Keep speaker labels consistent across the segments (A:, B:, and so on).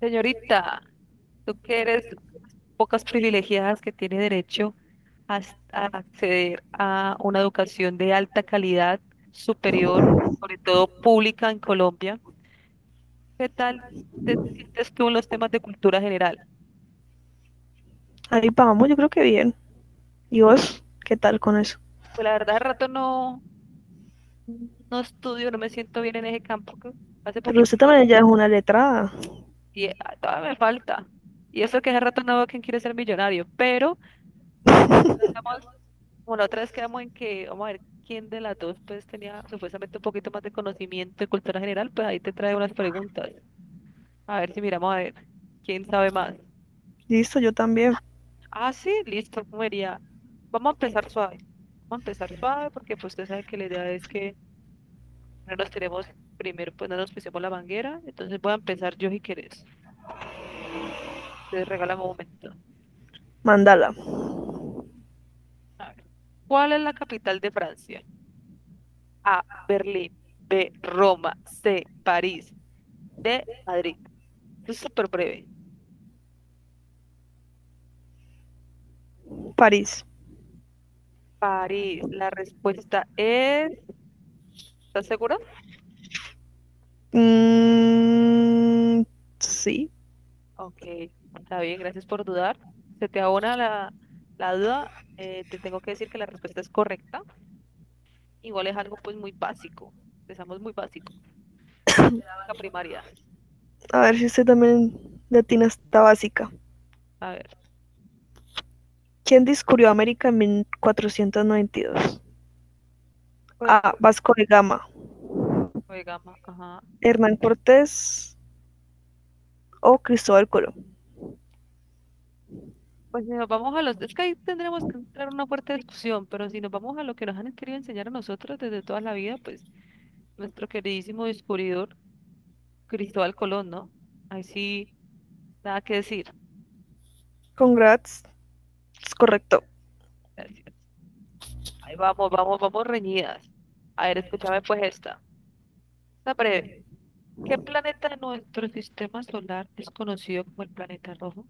A: Señorita, tú que eres pocas privilegiadas que tiene derecho a, a acceder a una educación de alta calidad, superior, sobre todo pública en Colombia, ¿qué tal te sientes tú en los temas de cultura general?
B: Ahí vamos, yo creo que bien. ¿Y vos qué tal con eso?
A: Pues la verdad, al rato no estudio, no me siento bien en ese campo que hace
B: Pero
A: poquito.
B: usted también ya es una letrada.
A: Todavía me falta. Y eso que hace rato no veo quién quiere ser millonario, pero como estamos. Como la otra vez quedamos en que, vamos a ver quién de las dos pues tenía supuestamente un poquito más de conocimiento de cultura general, pues ahí te trae unas preguntas. A ver si miramos a ver quién sabe más.
B: Listo, yo también.
A: Ah, sí, listo, comería. Vamos a empezar suave. Vamos a empezar suave porque pues usted sabe que la idea es que no nos tenemos primero, pues no nos pusimos la manguera. Entonces voy a empezar yo si quieres. Te regálame un momento.
B: Mandala,
A: A ver. ¿Cuál es la capital de Francia? A, Berlín. B, Roma. C, París. D, Madrid. Esto es súper breve.
B: París.
A: París, la respuesta es... ¿Estás segura?
B: Mm, sí,
A: Ok, está bien, gracias por dudar. Se te abona la duda. Te tengo que decir que la respuesta es correcta. Igual es algo pues muy básico. Empezamos muy básico. La primaria.
B: a ver si usted también latina está básica.
A: A ver,
B: ¿Quién descubrió América en 1492?
A: pues,
B: A, Vasco de Gama,
A: gama, ajá.
B: Hernán Cortés o Cristóbal Colón.
A: Pues si nos vamos a los... Es que ahí tendremos que entrar en una fuerte discusión, pero si nos vamos a lo que nos han querido enseñar a nosotros desde toda la vida, pues nuestro queridísimo descubridor, Cristóbal Colón, ¿no? Ahí sí, nada que decir.
B: Congrats, es correcto.
A: Gracias. Ahí vamos, vamos, vamos reñidas. A ver, escúchame pues esta. Está breve. ¿Qué planeta de nuestro sistema solar es conocido como el planeta rojo?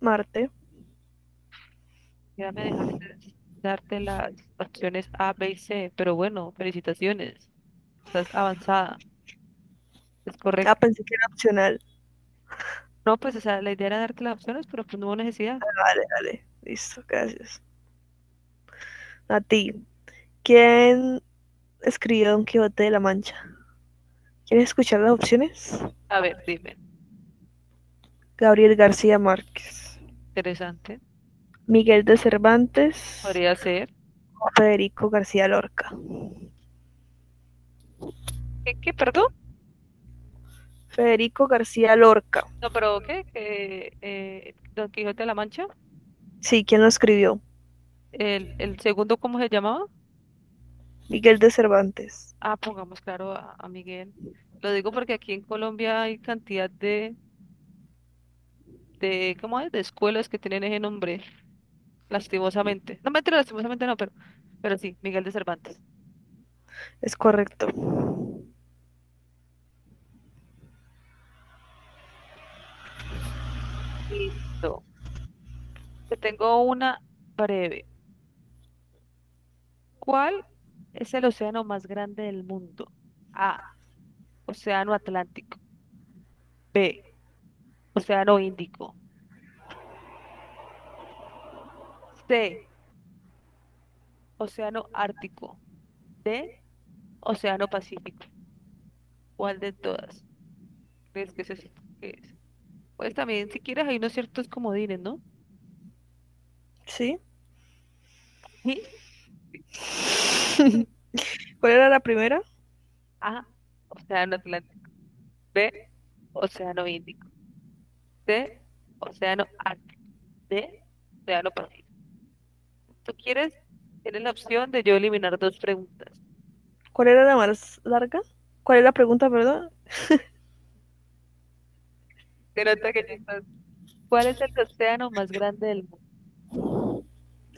B: Marte.
A: Ya me dejaste darte las opciones A, B y C, pero bueno, felicitaciones. Estás avanzada. Es
B: Ah,
A: correcto.
B: pensé que era opcional.
A: No, pues, o sea, la idea era darte las opciones, pero pues no hubo necesidad.
B: Dale, dale, listo, gracias. A ti. ¿Quién escribió Don Quijote de la Mancha? ¿Quieres escuchar las opciones?
A: A ver, dime.
B: Gabriel García Márquez,
A: Interesante.
B: Miguel de Cervantes,
A: Podría ser.
B: Federico García Lorca.
A: Perdón?
B: Federico García Lorca.
A: No, pero ¿qué? ¿Qué, Don Quijote de la Mancha?
B: Sí, ¿quién lo escribió?
A: ¿El segundo cómo se llamaba?
B: Miguel de Cervantes.
A: Ah, pongamos claro a Miguel. Lo digo porque aquí en Colombia hay cantidad de, ¿cómo es? De escuelas que tienen ese nombre, lastimosamente. No, mentira, lastimosamente no, pero sí, Miguel de Cervantes.
B: Es correcto.
A: Listo. Te tengo una breve. ¿Cuál es el océano más grande del mundo? A, Océano Atlántico. B, Océano Índico. C, Océano Ártico. D, Océano Pacífico. ¿Cuál de todas crees que es? ¿Qué es? Pues también, si quieres, hay unos ciertos comodines, ¿no?
B: ¿Sí?
A: Sí.
B: ¿Cuál era la primera?
A: A, Océano Atlántico. B, Océano Índico. C, Océano Ártico. D, Océano Pacífico. Si tú quieres, tienes la opción de yo eliminar dos preguntas.
B: ¿Cuál era la más larga? ¿Cuál es la pregunta, perdón?
A: Se nota que ya estás- ¿Cuál es el océano más grande del mundo?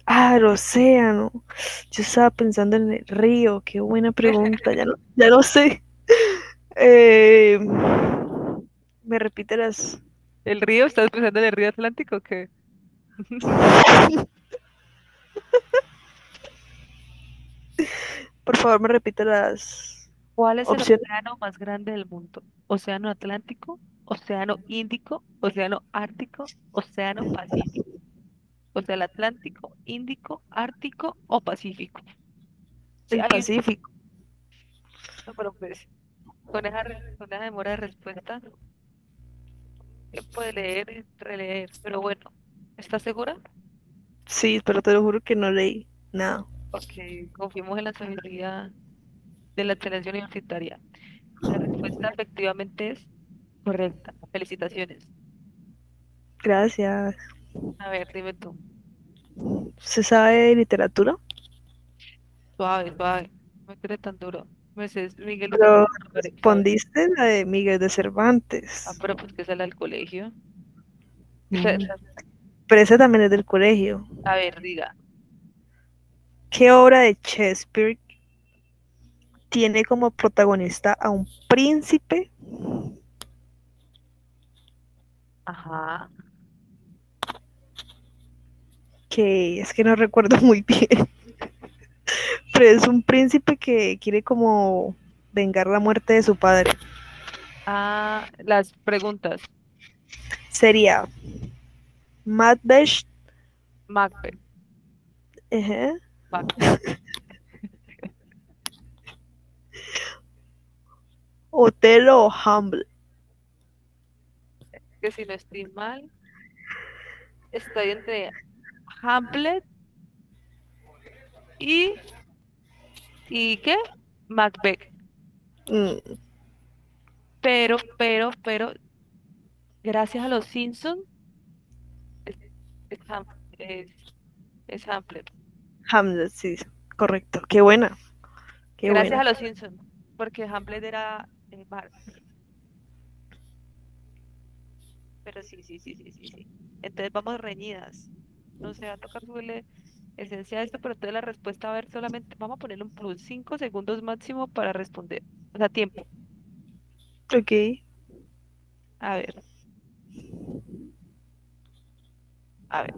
B: Ah, el océano. Yo estaba pensando en el río. Qué buena pregunta. Ya no, ya no sé. Eh, ¿Me repite las?
A: ¿El río? ¿Estás pensando en el río Atlántico o qué?
B: Por favor, me repite las
A: ¿Cuál es el
B: opciones
A: océano más grande del mundo? ¿Océano Atlántico? ¿Océano Índico? ¿Océano Ártico? ¿Océano Pacífico? Contra el Atlántico, Índico, Ártico o Pacífico. Si
B: del
A: hay un,
B: Pacífico.
A: no, pero pues, con esa, con esa demora de respuesta, tiempo de leer y releer. Pero bueno, ¿estás segura?
B: Sí, pero te lo juro que no leí nada.
A: Porque confiemos en la sabiduría de la excelencia universitaria. La respuesta efectivamente es correcta. Felicitaciones.
B: Gracias.
A: A ver, dime tú.
B: ¿Se sabe de literatura?
A: Suave, suave. No me crees tan duro. Mercedes Miguel de
B: Pero
A: Cervantes, ¿sabes?
B: respondiste la de Miguel de
A: Ah,
B: Cervantes.
A: pero pues que sale al colegio. Esa-
B: Mm.
A: esa-
B: Pero esa también es del colegio.
A: A ver, diga.
B: ¿Qué obra de Shakespeare tiene como protagonista a un príncipe?
A: Ajá.
B: Que es que no recuerdo muy bien, pero es un príncipe que quiere como vengar la muerte de su padre.
A: Ah, las preguntas.
B: Sería Macbeth,
A: Macbeth,
B: ajá,
A: Macbeth,
B: Otelo, Hamlet.
A: que si no estoy mal, estoy entre Hamlet y, ¿y qué? Macbeth.
B: Mm,
A: Pero gracias a los Simpsons, es, es, Ham- es- es Hamlet.
B: Hamlet, sí, correcto. Qué buena, qué
A: Gracias
B: buena.
A: a los Simpsons, porque Hamlet era Mark. Pero sí, sí, sí, sí, sí, sí. Entonces vamos reñidas. No sé, va a tocar subirle esencia a esto, pero entonces la respuesta, a ver, solamente vamos a ponerle un plus, 5 segundos máximo para responder. O sea, tiempo.
B: Ok.
A: A ver, a ver.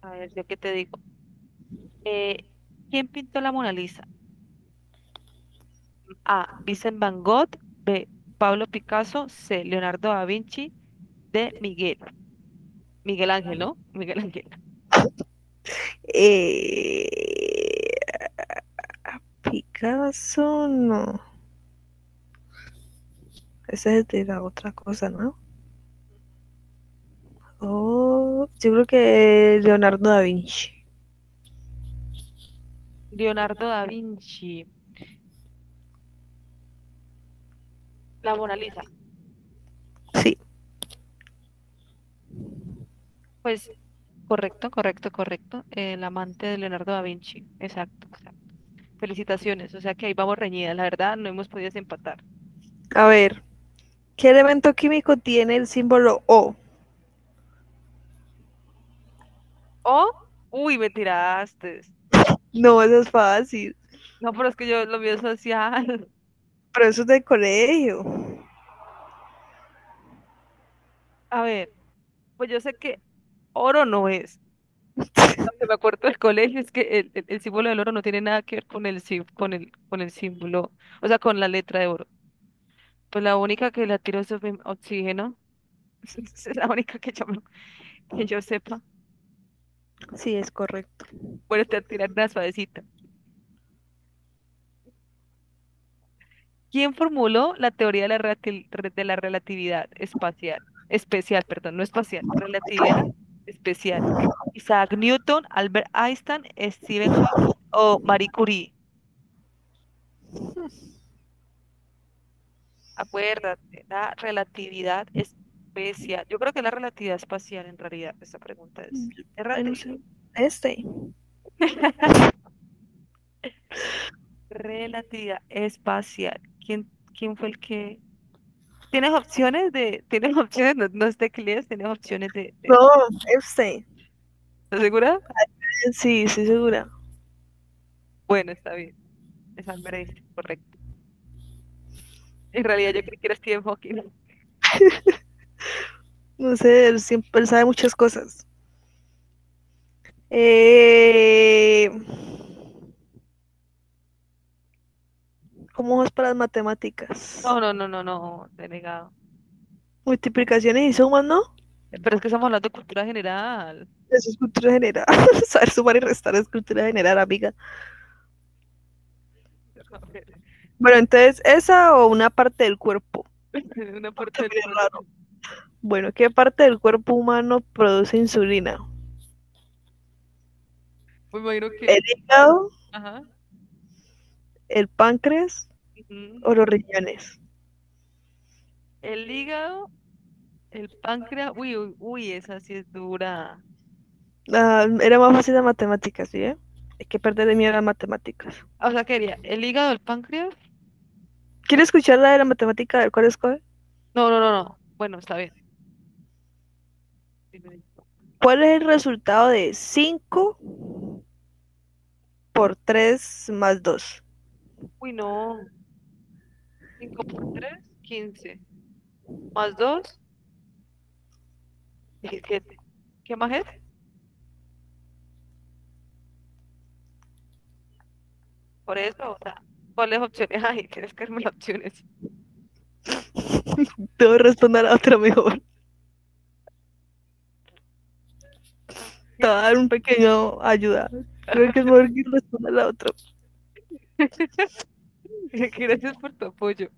A: A ver, ¿yo qué te digo? Eh, ¿Quién pintó la Mona Lisa? A, Vincent Van Gogh. B, Pablo Picasso. C, Leonardo da Vinci. D, Miguel. Miguel Ángel, ¿no? Miguel Ángel.
B: Eh, Picasso, no. Esa es de la otra cosa, ¿no? Oh, yo creo que Leonardo da Vinci.
A: Leonardo da Vinci. La Mona Lisa.
B: Sí,
A: Pues correcto, correcto, correcto. El amante de Leonardo da Vinci. Exacto, exacto. Felicitaciones. O sea que ahí vamos reñidas. La verdad, no hemos podido empatar.
B: a ver. ¿Qué elemento químico tiene el símbolo O?
A: O, uy, me tiraste.
B: No, eso es fácil.
A: No, pero es que yo lo mío es social.
B: Pero eso es del colegio.
A: A ver, pues yo sé que oro no es. Porque lo que me acuerdo del colegio es que el símbolo del oro no tiene nada que ver con el, con el, con el símbolo, o sea, con la letra de oro. Pues la única que la tiró es oxígeno, es la única que que yo sepa.
B: Sí, es correcto.
A: Bueno, te voy a tirar una suavecita. ¿Quién formuló la teoría de la, de la relatividad espacial? Especial, perdón, no espacial, relatividad especial. Isaac Newton, Albert Einstein, Stephen Hawking o Marie Curie. Acuérdate, la relatividad especial. Yo creo que es la relatividad espacial en realidad, esta pregunta es.
B: Ay, no
A: Errate.
B: sé. Este.
A: Relatividad espacial. ¿Quién, quién fue el que? ¿Tienes opciones de, tienes opciones, no, no es teclees, tienes opciones
B: No,
A: de-
B: este.
A: ¿Estás segura?
B: Sí, estoy segura.
A: Bueno, está bien. Es Albert Einstein, correcto. En realidad yo creo que era Stephen Hawking.
B: No sé, él siempre él sabe muchas cosas. Eh, ¿Cómo es para las matemáticas?
A: No, te he negado.
B: Multiplicaciones y sumas, ¿no?
A: Pero es que estamos hablando de cultura general.
B: Eso es cultura general. Saber sumar y restar es cultura general, amiga.
A: A ver,
B: Bueno, entonces, ¿esa o una parte del cuerpo?
A: una parte del
B: También es
A: cuerpo.
B: raro. Bueno, ¿qué parte del cuerpo humano produce insulina?
A: Me imagino
B: ¿El
A: que, a ver,
B: hígado,
A: ajá.
B: el páncreas o los
A: Ujú.
B: riñones?
A: El hígado, el páncreas. Uy, uy, uy, esa sí es dura.
B: Ah, era más fácil las matemáticas, ¿sí, eh? Hay que perder de miedo a las matemáticas.
A: Ah, o sea, quería el hígado, el páncreas.
B: ¿Quiere escuchar la de la matemática del cual escoge?
A: No. Bueno, está bien. Dime.
B: ¿Cuál es el resultado de 5 por 3 más 2?
A: Uy, no. Cinco por 3, 15. Más 2, 17. ¿Qué más es? Por eso, o sea, ¿cuáles opciones hay? Tienes que darme las opciones.
B: Debo responder a la otra mejor. Te voy a dar un pequeño ayuda. Creo que es mejor que responda a la otra.
A: Gracias por tu apoyo.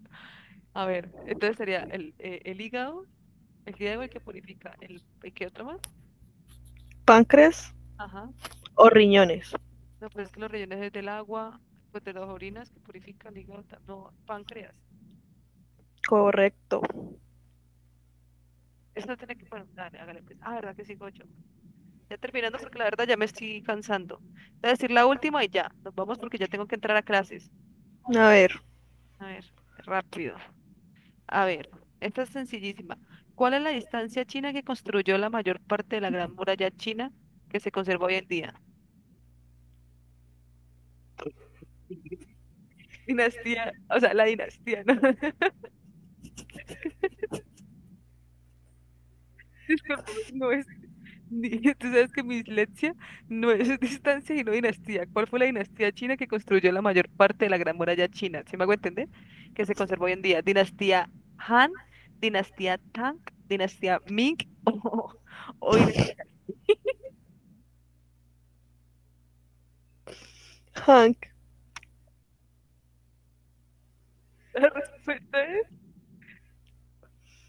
A: A ver, entonces sería el hígado, el hígado el que purifica, el, ¿y qué otro más?
B: ¿Páncreas
A: Ajá.
B: o riñones?
A: No, pues es que los rellenos es del agua, pues de las orinas que purifican, hígado, no, páncreas.
B: Correcto.
A: Esto tiene que, bueno, dale, hágale pues. Ah, verdad que sí, Gocho. Ya terminando porque la verdad ya me estoy cansando. Voy a decir la última y ya, nos vamos porque ya tengo que entrar a clases.
B: A ver,
A: A ver, rápido. A ver, esta es sencillísima. ¿Cuál es la distancia china que construyó la mayor parte de la Gran Muralla China que se conserva hoy en día? Dinastía, o sea, la dinastía, ¿no? Disculpame, no es. ni- Tú sabes que mi dislexia no es distancia, sino dinastía. ¿Cuál fue la dinastía china que construyó la mayor parte de la Gran Muralla China? ¿Sí me hago entender? Que se conserva hoy en día. Dinastía Han, dinastía Tang, dinastía Ming o, o dinastía.
B: Hank.
A: La respuesta es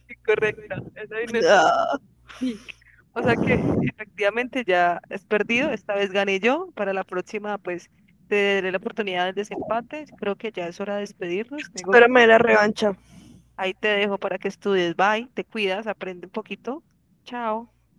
A: incorrecta. Es la dinastía
B: Ah,
A: Ming. O sea que efectivamente ya es perdido. Esta vez gané yo. Para la próxima, pues te daré la oportunidad del desempate. Creo que ya es hora de despedirnos. Tengo.
B: espérame la revancha.
A: Ahí te dejo para que estudies. Bye, te cuidas, aprende un poquito. Chao.